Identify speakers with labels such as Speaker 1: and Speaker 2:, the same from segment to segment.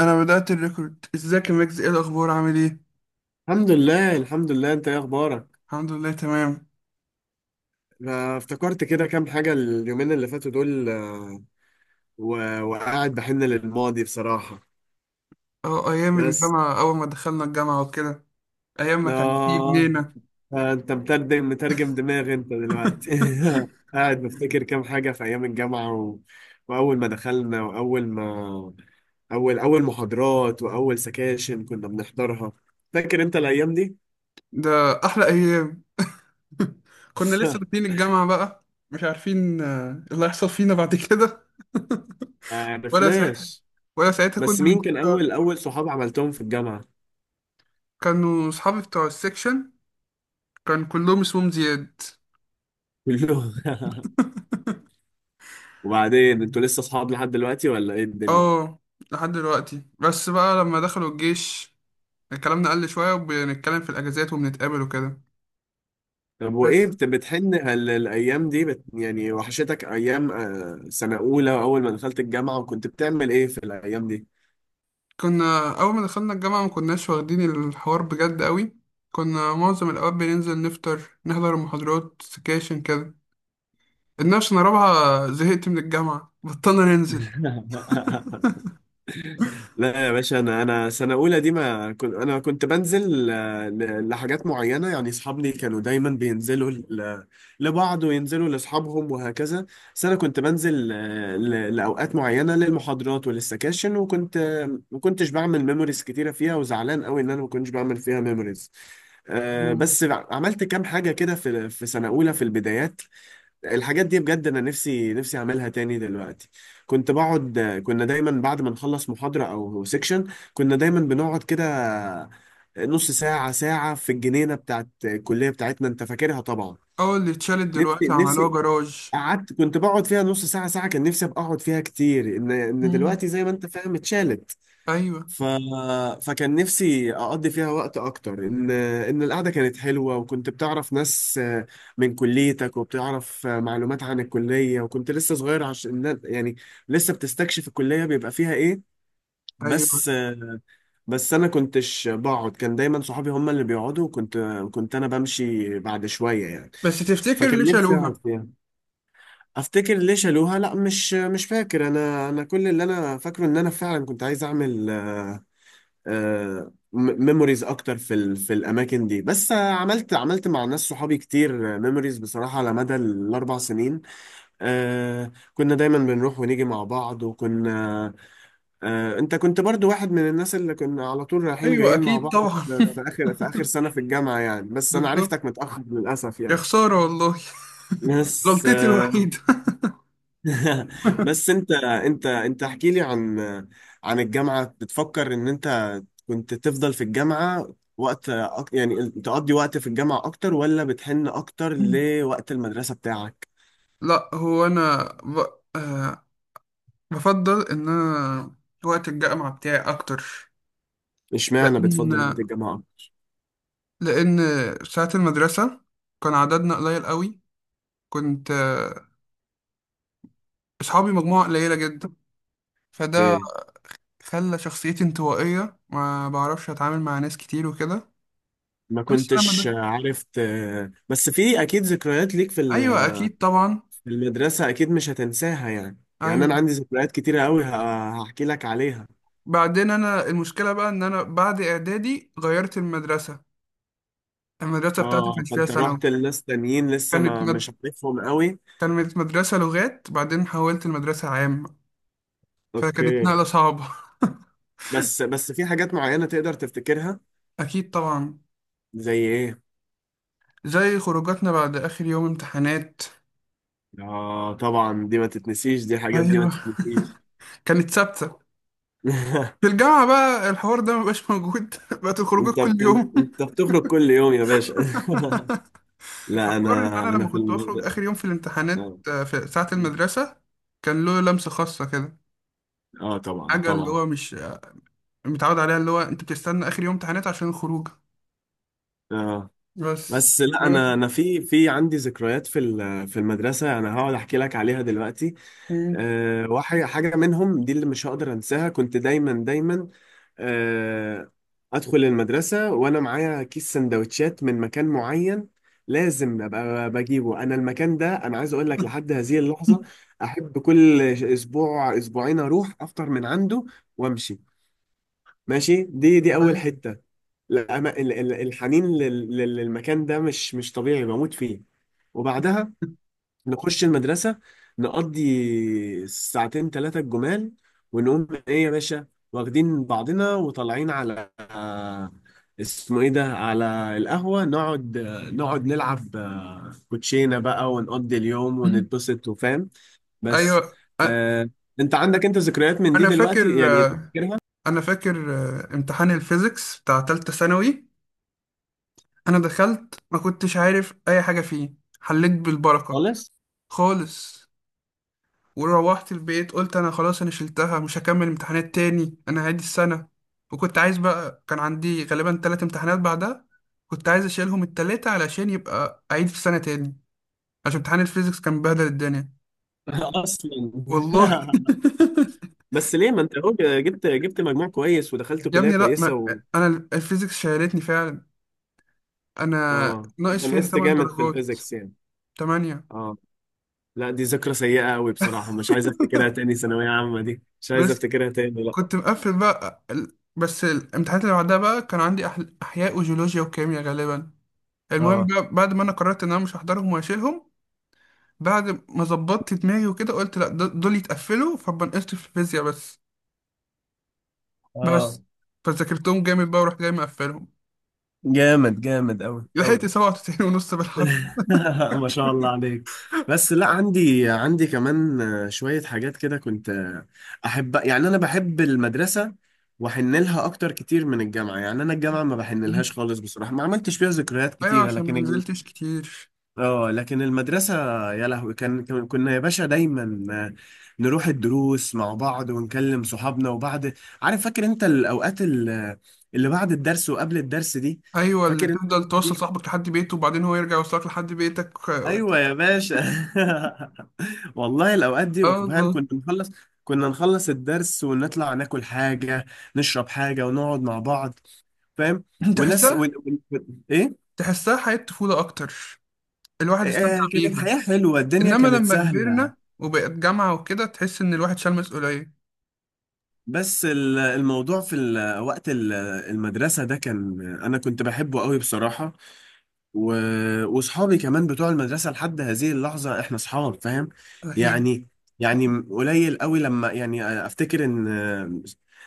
Speaker 1: انا بدأت الريكورد. ازيك يا ميكس؟ ايه الاخبار؟ عامل ايه؟
Speaker 2: الحمد لله الحمد لله، انت ايه اخبارك؟
Speaker 1: الحمد لله، تمام.
Speaker 2: أنا افتكرت كده كام حاجة اليومين اللي فاتوا دول، وقاعد بحن للماضي بصراحة.
Speaker 1: اه، ايام
Speaker 2: بس
Speaker 1: الجامعة، اول ما دخلنا الجامعة وكده. ايام ما كان في
Speaker 2: آه
Speaker 1: جنينة.
Speaker 2: آه، انت مترجم مترجم دماغي انت دلوقتي. قاعد بفتكر كام حاجة في ايام الجامعة واول ما دخلنا واول ما اول اول محاضرات واول سكاشن كنا بنحضرها. فاكر انت الايام دي؟
Speaker 1: ده احلى ايام. كنا لسه داخلين الجامعة بقى، مش عارفين اللي هيحصل فينا بعد كده.
Speaker 2: ما
Speaker 1: ولا ساعتها
Speaker 2: عرفناش.
Speaker 1: ولا ساعتها
Speaker 2: بس
Speaker 1: كنا من
Speaker 2: مين كان اول اول صحاب عملتهم في الجامعة؟
Speaker 1: كانوا اصحابي بتوع السكشن، كان كلهم اسمهم زياد.
Speaker 2: كله. وبعدين انتوا لسه اصحاب لحد دلوقتي ولا ايه الدنيا؟
Speaker 1: اه، لحد دلوقتي، بس بقى لما دخلوا الجيش كلامنا قل شوية، وبنتكلم في الاجازات وبنتقابل وكده.
Speaker 2: طب وايه
Speaker 1: بس.
Speaker 2: بتحن هل الايام دي يعني وحشتك ايام سنه اولى اول ما دخلت الجامعه؟ وكنت بتعمل ايه في الايام دي؟
Speaker 1: كنا أول ما دخلنا الجامعة ما كناش واخدين الحوار بجد قوي. كنا معظم الأوقات بننزل نفطر، نحضر المحاضرات، سكاشن كده. الناس، أنا رابعة زهقت من الجامعة، بطلنا ننزل.
Speaker 2: لا يا باشا، انا سنه اولى دي ما كنت، انا كنت بنزل لحاجات معينه، يعني اصحابي كانوا دايما بينزلوا لبعض وينزلوا لاصحابهم وهكذا. بس انا كنت بنزل لاوقات معينه للمحاضرات وللسكاشن، وكنت ما كنتش بعمل ميموريز كتيره فيها، وزعلان قوي ان ما كنتش بعمل فيها ميموريز. آه،
Speaker 1: مم.
Speaker 2: بس عملت كام حاجه كده في سنه اولى في البدايات. الحاجات دي بجد انا نفسي نفسي اعملها تاني دلوقتي. كنت بقعد. كنا دايما بعد ما نخلص محاضرة او سيكشن، كنا دايما بنقعد كده نص ساعة ساعة في الجنينة بتاعت الكلية بتاعتنا. انت فاكرها طبعا.
Speaker 1: أول اللي اتشالت
Speaker 2: نفسي
Speaker 1: دلوقتي عملوها
Speaker 2: نفسي.
Speaker 1: جراج.
Speaker 2: قعدت، كنت بقعد فيها نص ساعة ساعة، كان نفسي ابقى اقعد فيها كتير، ان
Speaker 1: مم.
Speaker 2: دلوقتي زي ما انت فاهم اتشالت.
Speaker 1: أيوة.
Speaker 2: ف... فكان نفسي اقضي فيها وقت اكتر، ان القعده كانت حلوه، وكنت بتعرف ناس من كليتك وبتعرف معلومات عن الكليه، وكنت لسه صغير، عشان يعني لسه بتستكشف الكليه بيبقى فيها ايه.
Speaker 1: أيوة،
Speaker 2: بس بس انا كنتش بقعد، كان دايما صحابي هم اللي بيقعدوا، وكنت كنت انا بمشي بعد شويه يعني.
Speaker 1: بس تفتكر ليه
Speaker 2: فكان نفسي اقعد
Speaker 1: شالوها؟
Speaker 2: فيها. افتكر ليه شالوها؟ لا مش فاكر، انا كل اللي انا فاكره ان انا فعلا كنت عايز اعمل ميموريز اكتر في الاماكن دي، بس عملت مع ناس صحابي كتير ميموريز بصراحه على مدى الاربع سنين. كنا دايما بنروح ونيجي مع بعض، وكنا انت كنت برضو واحد من الناس اللي كنا على طول رايحين
Speaker 1: أيوة
Speaker 2: جايين مع
Speaker 1: أكيد
Speaker 2: بعض
Speaker 1: طبعا.
Speaker 2: في اخر سنه في الجامعه يعني، بس انا
Speaker 1: بالظبط.
Speaker 2: عرفتك متاخر للاسف
Speaker 1: يا
Speaker 2: يعني.
Speaker 1: خسارة والله.
Speaker 2: بس
Speaker 1: غلطتي
Speaker 2: آه،
Speaker 1: الوحيدة.
Speaker 2: بس انت احكي لي عن عن الجامعة. بتفكر ان انت كنت تفضل في الجامعة وقت، يعني تقضي وقت في الجامعة اكتر، ولا بتحن اكتر
Speaker 1: مم.
Speaker 2: لوقت المدرسة بتاعك؟
Speaker 1: لا، هو أنا آه بفضل إن أنا وقت الجامعة بتاعي أكتر.
Speaker 2: اشمعنى
Speaker 1: لأن
Speaker 2: بتفضل وقت الجامعة؟
Speaker 1: لأن ساعة المدرسة كان عددنا قليل قوي. كنت أصحابي مجموعة قليلة جدا. فده
Speaker 2: ايه؟
Speaker 1: خلى شخصيتي انطوائية، ما بعرفش أتعامل مع ناس كتير وكده.
Speaker 2: ما
Speaker 1: بس لما
Speaker 2: كنتش
Speaker 1: ده.
Speaker 2: عارف بس في اكيد ذكريات ليك
Speaker 1: أيوة أكيد طبعا.
Speaker 2: في المدرسة اكيد مش هتنساها، يعني يعني انا
Speaker 1: أيوة.
Speaker 2: عندي ذكريات كتيرة قوي هحكي لك عليها.
Speaker 1: بعدين أنا المشكلة بقى إن أنا بعد إعدادي غيرت المدرسة. المدرسة بتاعتي
Speaker 2: اه
Speaker 1: كانت فيها
Speaker 2: فانت
Speaker 1: ثانوي.
Speaker 2: رحت لناس تانيين لسه
Speaker 1: كانت
Speaker 2: ما
Speaker 1: مد...
Speaker 2: مش عارفهم قوي.
Speaker 1: كانت مدرسة لغات، بعدين حولت المدرسة عام، فكانت
Speaker 2: اوكي.
Speaker 1: نقلة صعبة.
Speaker 2: بس في حاجات معينة تقدر تفتكرها.
Speaker 1: أكيد طبعا.
Speaker 2: زي ايه؟
Speaker 1: زي خروجاتنا بعد آخر يوم امتحانات.
Speaker 2: اه طبعا دي ما تتنسيش، دي حاجات دي ما
Speaker 1: ايوه،
Speaker 2: تتنسيش.
Speaker 1: كانت ثابته. في الجامعه بقى الحوار ده مبقاش موجود. بقت الخروجات
Speaker 2: انت
Speaker 1: كل
Speaker 2: بت...
Speaker 1: يوم.
Speaker 2: انت بتخرج كل يوم يا باشا. لا
Speaker 1: فحوار ان
Speaker 2: انا،
Speaker 1: انا
Speaker 2: انا
Speaker 1: لما
Speaker 2: في
Speaker 1: كنت بخرج
Speaker 2: المدرسة.
Speaker 1: اخر يوم في الامتحانات
Speaker 2: اه.
Speaker 1: في ساعه المدرسه كان له لمسه خاصه كده.
Speaker 2: آه، طبعا
Speaker 1: حاجه اللي
Speaker 2: طبعا.
Speaker 1: هو مش متعود عليها، اللي هو انت بتستنى اخر يوم امتحانات عشان الخروج.
Speaker 2: اه
Speaker 1: بس.
Speaker 2: بس لا انا، انا في عندي ذكريات في المدرسة انا هقعد احكي لك عليها دلوقتي.
Speaker 1: مم.
Speaker 2: أه واحد حاجة منهم دي اللي مش هقدر انساها. كنت دايما دايما آه، ادخل المدرسه وانا معايا كيس سندوتشات من مكان معين لازم ابقى بجيبه انا. المكان ده انا عايز اقول لك لحد هذه اللحظه احب كل اسبوع اسبوعين اروح افطر من عنده وامشي. ماشي، دي اول
Speaker 1: أيوة.
Speaker 2: حته. لا أما- ال- ال- الحنين للمكان ده مش طبيعي، بموت فيه. وبعدها نخش المدرسة، نقضي ساعتين ثلاثة الجمال، ونقوم ايه يا باشا واخدين بعضنا وطالعين على اسمه ايه ده، على القهوة، نقعد نقعد نلعب كوتشينة بقى، ونقضي اليوم ونتبسط وفاهم. بس
Speaker 1: ايوه
Speaker 2: آه، انت عندك انت ذكريات من دي
Speaker 1: انا فاكر
Speaker 2: دلوقتي يعني؟ فاكرها؟
Speaker 1: انا فاكر امتحان الفيزيكس بتاع تالتة ثانوي. انا دخلت ما كنتش عارف اي حاجه فيه، حليت بالبركه
Speaker 2: خالص.
Speaker 1: خالص. وروحت البيت قلت انا خلاص، انا شلتها، مش هكمل امتحانات تاني، انا هعيد السنة. وكنت عايز بقى، كان عندي غالبا ثلاث امتحانات بعدها، كنت عايز اشيلهم التلاتة علشان يبقى اعيد في السنة تاني، عشان امتحان الفيزيكس كان بهدل الدنيا.
Speaker 2: اصلا.
Speaker 1: والله.
Speaker 2: بس ليه ما انت اهو، جبت مجموع كويس ودخلت
Speaker 1: يا
Speaker 2: كلية
Speaker 1: ابني، لا،
Speaker 2: كويسة
Speaker 1: ما انا الفيزيكس شيلتني فعلا. انا
Speaker 2: اه انت
Speaker 1: ناقص فيها
Speaker 2: نقصت
Speaker 1: 8
Speaker 2: جامد في
Speaker 1: درجات.
Speaker 2: الفيزيكس يعني.
Speaker 1: 8.
Speaker 2: اه. لا دي ذكرى سيئة قوي بصراحة، مش عايز افتكرها تاني. ثانوية عامة دي مش عايز
Speaker 1: بس
Speaker 2: افتكرها تاني لا.
Speaker 1: كنت مقفل بقى بس الامتحانات اللي بعدها بقى كان عندي احياء وجيولوجيا وكيمياء غالبا. المهم
Speaker 2: اه.
Speaker 1: بقى، بعد ما انا قررت ان انا مش هحضرهم وهشيلهم، بعد ما ظبطت دماغي وكده قلت لا، دول يتقفلوا، فبنقصت في الفيزياء بس.
Speaker 2: اه.
Speaker 1: بس. فذاكرتهم جامد بقى ورحت جاي مقفلهم.
Speaker 2: جامد جامد قوي
Speaker 1: لحقت
Speaker 2: قوي.
Speaker 1: 97 ونص بالعافية.
Speaker 2: ما شاء الله عليك. بس لا عندي عندي كمان شوية حاجات كده كنت أحب. يعني أنا بحب المدرسة وأحن لها أكتر كتير من الجامعة. يعني أنا الجامعة ما بحن لهاش خالص بصراحة، ما عملتش فيها ذكريات
Speaker 1: ايوه،
Speaker 2: كتيرة،
Speaker 1: عشان
Speaker 2: لكن
Speaker 1: ما نزلتش كتير.
Speaker 2: اه لكن المدرسة، يا لهوي، كنا يا باشا دايما آه، نروح الدروس مع بعض ونكلم صحابنا وبعد. عارف فاكر انت الأوقات اللي بعد الدرس وقبل الدرس دي؟
Speaker 1: ايوه، اللي
Speaker 2: فاكر انت
Speaker 1: تفضل
Speaker 2: الأوقات
Speaker 1: توصل
Speaker 2: دي؟
Speaker 1: صاحبك لحد بيته وبعدين هو يرجع يوصلك لحد بيتك.
Speaker 2: ايوه يا باشا. والله الأوقات
Speaker 1: اه،
Speaker 2: دي
Speaker 1: الله.
Speaker 2: فاهم، كنا نخلص الدرس ونطلع ناكل حاجة نشرب حاجة ونقعد مع بعض، فاهم، وناس
Speaker 1: تحسها
Speaker 2: ايه.
Speaker 1: تحسها حياة طفولة اكتر، الواحد
Speaker 2: آه.
Speaker 1: استمتع
Speaker 2: آه، كانت
Speaker 1: بيها.
Speaker 2: حياة حلوة، الدنيا
Speaker 1: انما
Speaker 2: كانت
Speaker 1: لما
Speaker 2: سهلة.
Speaker 1: كبرنا وبقت جامعة وكده تحس ان الواحد شال مسؤولية.
Speaker 2: بس الموضوع في المدرسة ده كان أنا كنت بحبه قوي بصراحة. و... وصحابي كمان بتوع المدرسة لحد هذه اللحظة احنا صحاب فاهم
Speaker 1: ايوه.
Speaker 2: يعني. يعني قليل قوي لما يعني افتكر ان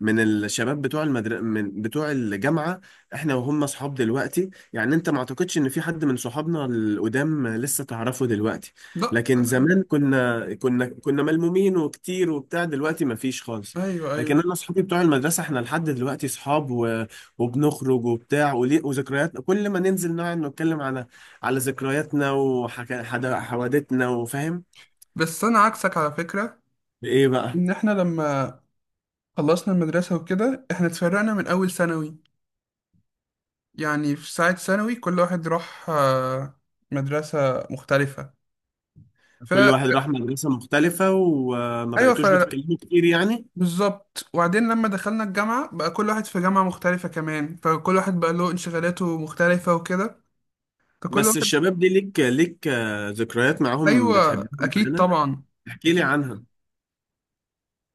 Speaker 2: من الشباب من بتوع الجامعة احنا وهم صحاب دلوقتي، يعني انت ما اعتقدش ان في حد من صحابنا القدام لسه تعرفه دلوقتي.
Speaker 1: لا.
Speaker 2: لكن زمان كنا ملمومين وكتير وبتاع، دلوقتي ما فيش خالص.
Speaker 1: ايوه، ايوه.
Speaker 2: لكن انا اصحابي بتوع المدرسه احنا لحد دلوقتي صحاب وبنخرج وبتاع وليه، وذكرياتنا كل ما ننزل نقعد نتكلم على على ذكرياتنا وحوادثنا وفاهم.
Speaker 1: بس انا عكسك على فكره،
Speaker 2: ايه بقى؟
Speaker 1: ان احنا لما خلصنا المدرسه وكده احنا اتفرقنا من اول ثانوي. يعني في ساعه ثانوي كل واحد راح مدرسه مختلفه.
Speaker 2: كل
Speaker 1: فا
Speaker 2: واحد راح مدرسه مختلفه وما
Speaker 1: ايوه
Speaker 2: بقيتوش بتتكلموا كتير يعني.
Speaker 1: بالظبط، وبعدين لما دخلنا الجامعه بقى كل واحد في جامعه مختلفه كمان، فكل واحد بقى له انشغالاته مختلفه وكده. فكل
Speaker 2: بس
Speaker 1: واحد.
Speaker 2: الشباب دي ليك ذكريات معاهم
Speaker 1: ايوه
Speaker 2: بتحبهم
Speaker 1: اكيد
Speaker 2: معانا.
Speaker 1: طبعا.
Speaker 2: احكي لي عنها.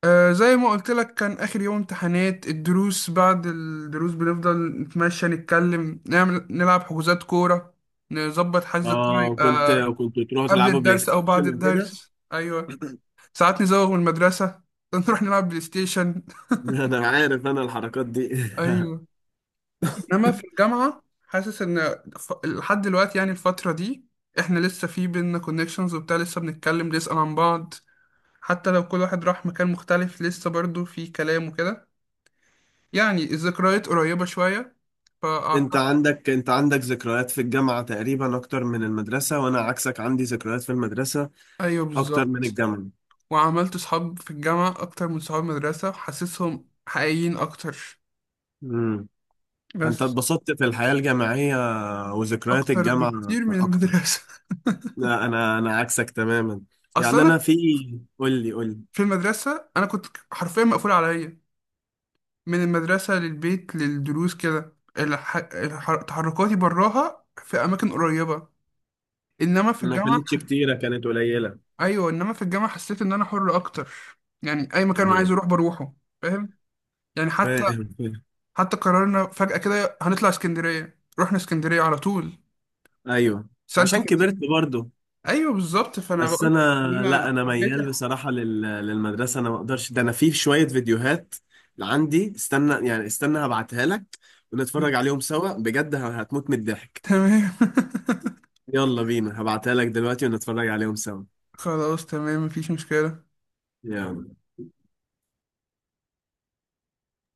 Speaker 1: آه، زي ما قلت لك، كان آخر يوم امتحانات الدروس، بعد الدروس بنفضل نتمشى، نتكلم، نعمل، نلعب حجوزات كورة، نظبط حجز الكورة،
Speaker 2: اه كنت
Speaker 1: يبقى
Speaker 2: كنت تروحوا
Speaker 1: قبل
Speaker 2: تلعبوا بلاي
Speaker 1: الدرس أو بعد
Speaker 2: ستيشن وكده.
Speaker 1: الدرس. أيوه. ساعات نزوغ من المدرسة نروح نلعب بلاي ستيشن.
Speaker 2: انا عارف انا الحركات دي.
Speaker 1: أيوه، إنما في الجامعة حاسس إن لحد دلوقتي يعني الفترة دي إحنا لسه في بينا كونكشنز وبتاع، لسه بنتكلم بنسأل عن بعض. حتى لو كل واحد راح مكان مختلف لسه برضه في كلام وكده، يعني الذكريات قريبة شوية،
Speaker 2: انت
Speaker 1: فأعتقد.
Speaker 2: عندك انت عندك ذكريات في الجامعة تقريبا اكتر من المدرسة، وانا عكسك عندي ذكريات في المدرسة
Speaker 1: أيوه
Speaker 2: اكتر من
Speaker 1: بالظبط.
Speaker 2: الجامعة.
Speaker 1: وعملت صحاب في الجامعة أكتر من صحاب المدرسة، حاسسهم حقيقيين أكتر.
Speaker 2: امم. فانت
Speaker 1: بس.
Speaker 2: اتبسطت في الحياة الجامعية، وذكريات
Speaker 1: أكتر
Speaker 2: الجامعة
Speaker 1: بكتير من
Speaker 2: اكتر.
Speaker 1: المدرسة.
Speaker 2: لا انا عكسك تماما.
Speaker 1: أصل
Speaker 2: يعني انا
Speaker 1: أنا
Speaker 2: في. قول لي قول لي.
Speaker 1: في المدرسة أنا كنت حرفيا مقفول عليا، من المدرسة للبيت للدروس كده تحركاتي براها في أماكن قريبة. إنما في
Speaker 2: ما
Speaker 1: الجامعة.
Speaker 2: كانتش كتيرة، كانت قليلة.
Speaker 1: أيوه، إنما في الجامعة حسيت إن أنا حر أكتر، يعني أي مكان أنا عايز
Speaker 2: ايوه.
Speaker 1: أروح بروحه. فاهم؟ يعني
Speaker 2: فاهم فاهم.
Speaker 1: حتى قررنا فجأة كده هنطلع اسكندرية، رحنا اسكندرية على طول.
Speaker 2: ايوه
Speaker 1: سانت
Speaker 2: عشان
Speaker 1: كانت.
Speaker 2: كبرت برضو.
Speaker 1: ايوه بالظبط، فانا
Speaker 2: بس
Speaker 1: بقول
Speaker 2: انا،
Speaker 1: لك ان انا
Speaker 2: لا انا
Speaker 1: حبيت
Speaker 2: ميال بصراحه للمدرسه، انا ما اقدرش ده. انا في شويه فيديوهات عندي، استنى يعني استنى هبعتها لك ونتفرج عليهم سوا، بجد هتموت من الضحك.
Speaker 1: تمام.
Speaker 2: يلا بينا هبعتها لك دلوقتي ونتفرج عليهم سوا.
Speaker 1: خلاص تمام، مفيش مشكلة.
Speaker 2: يلا.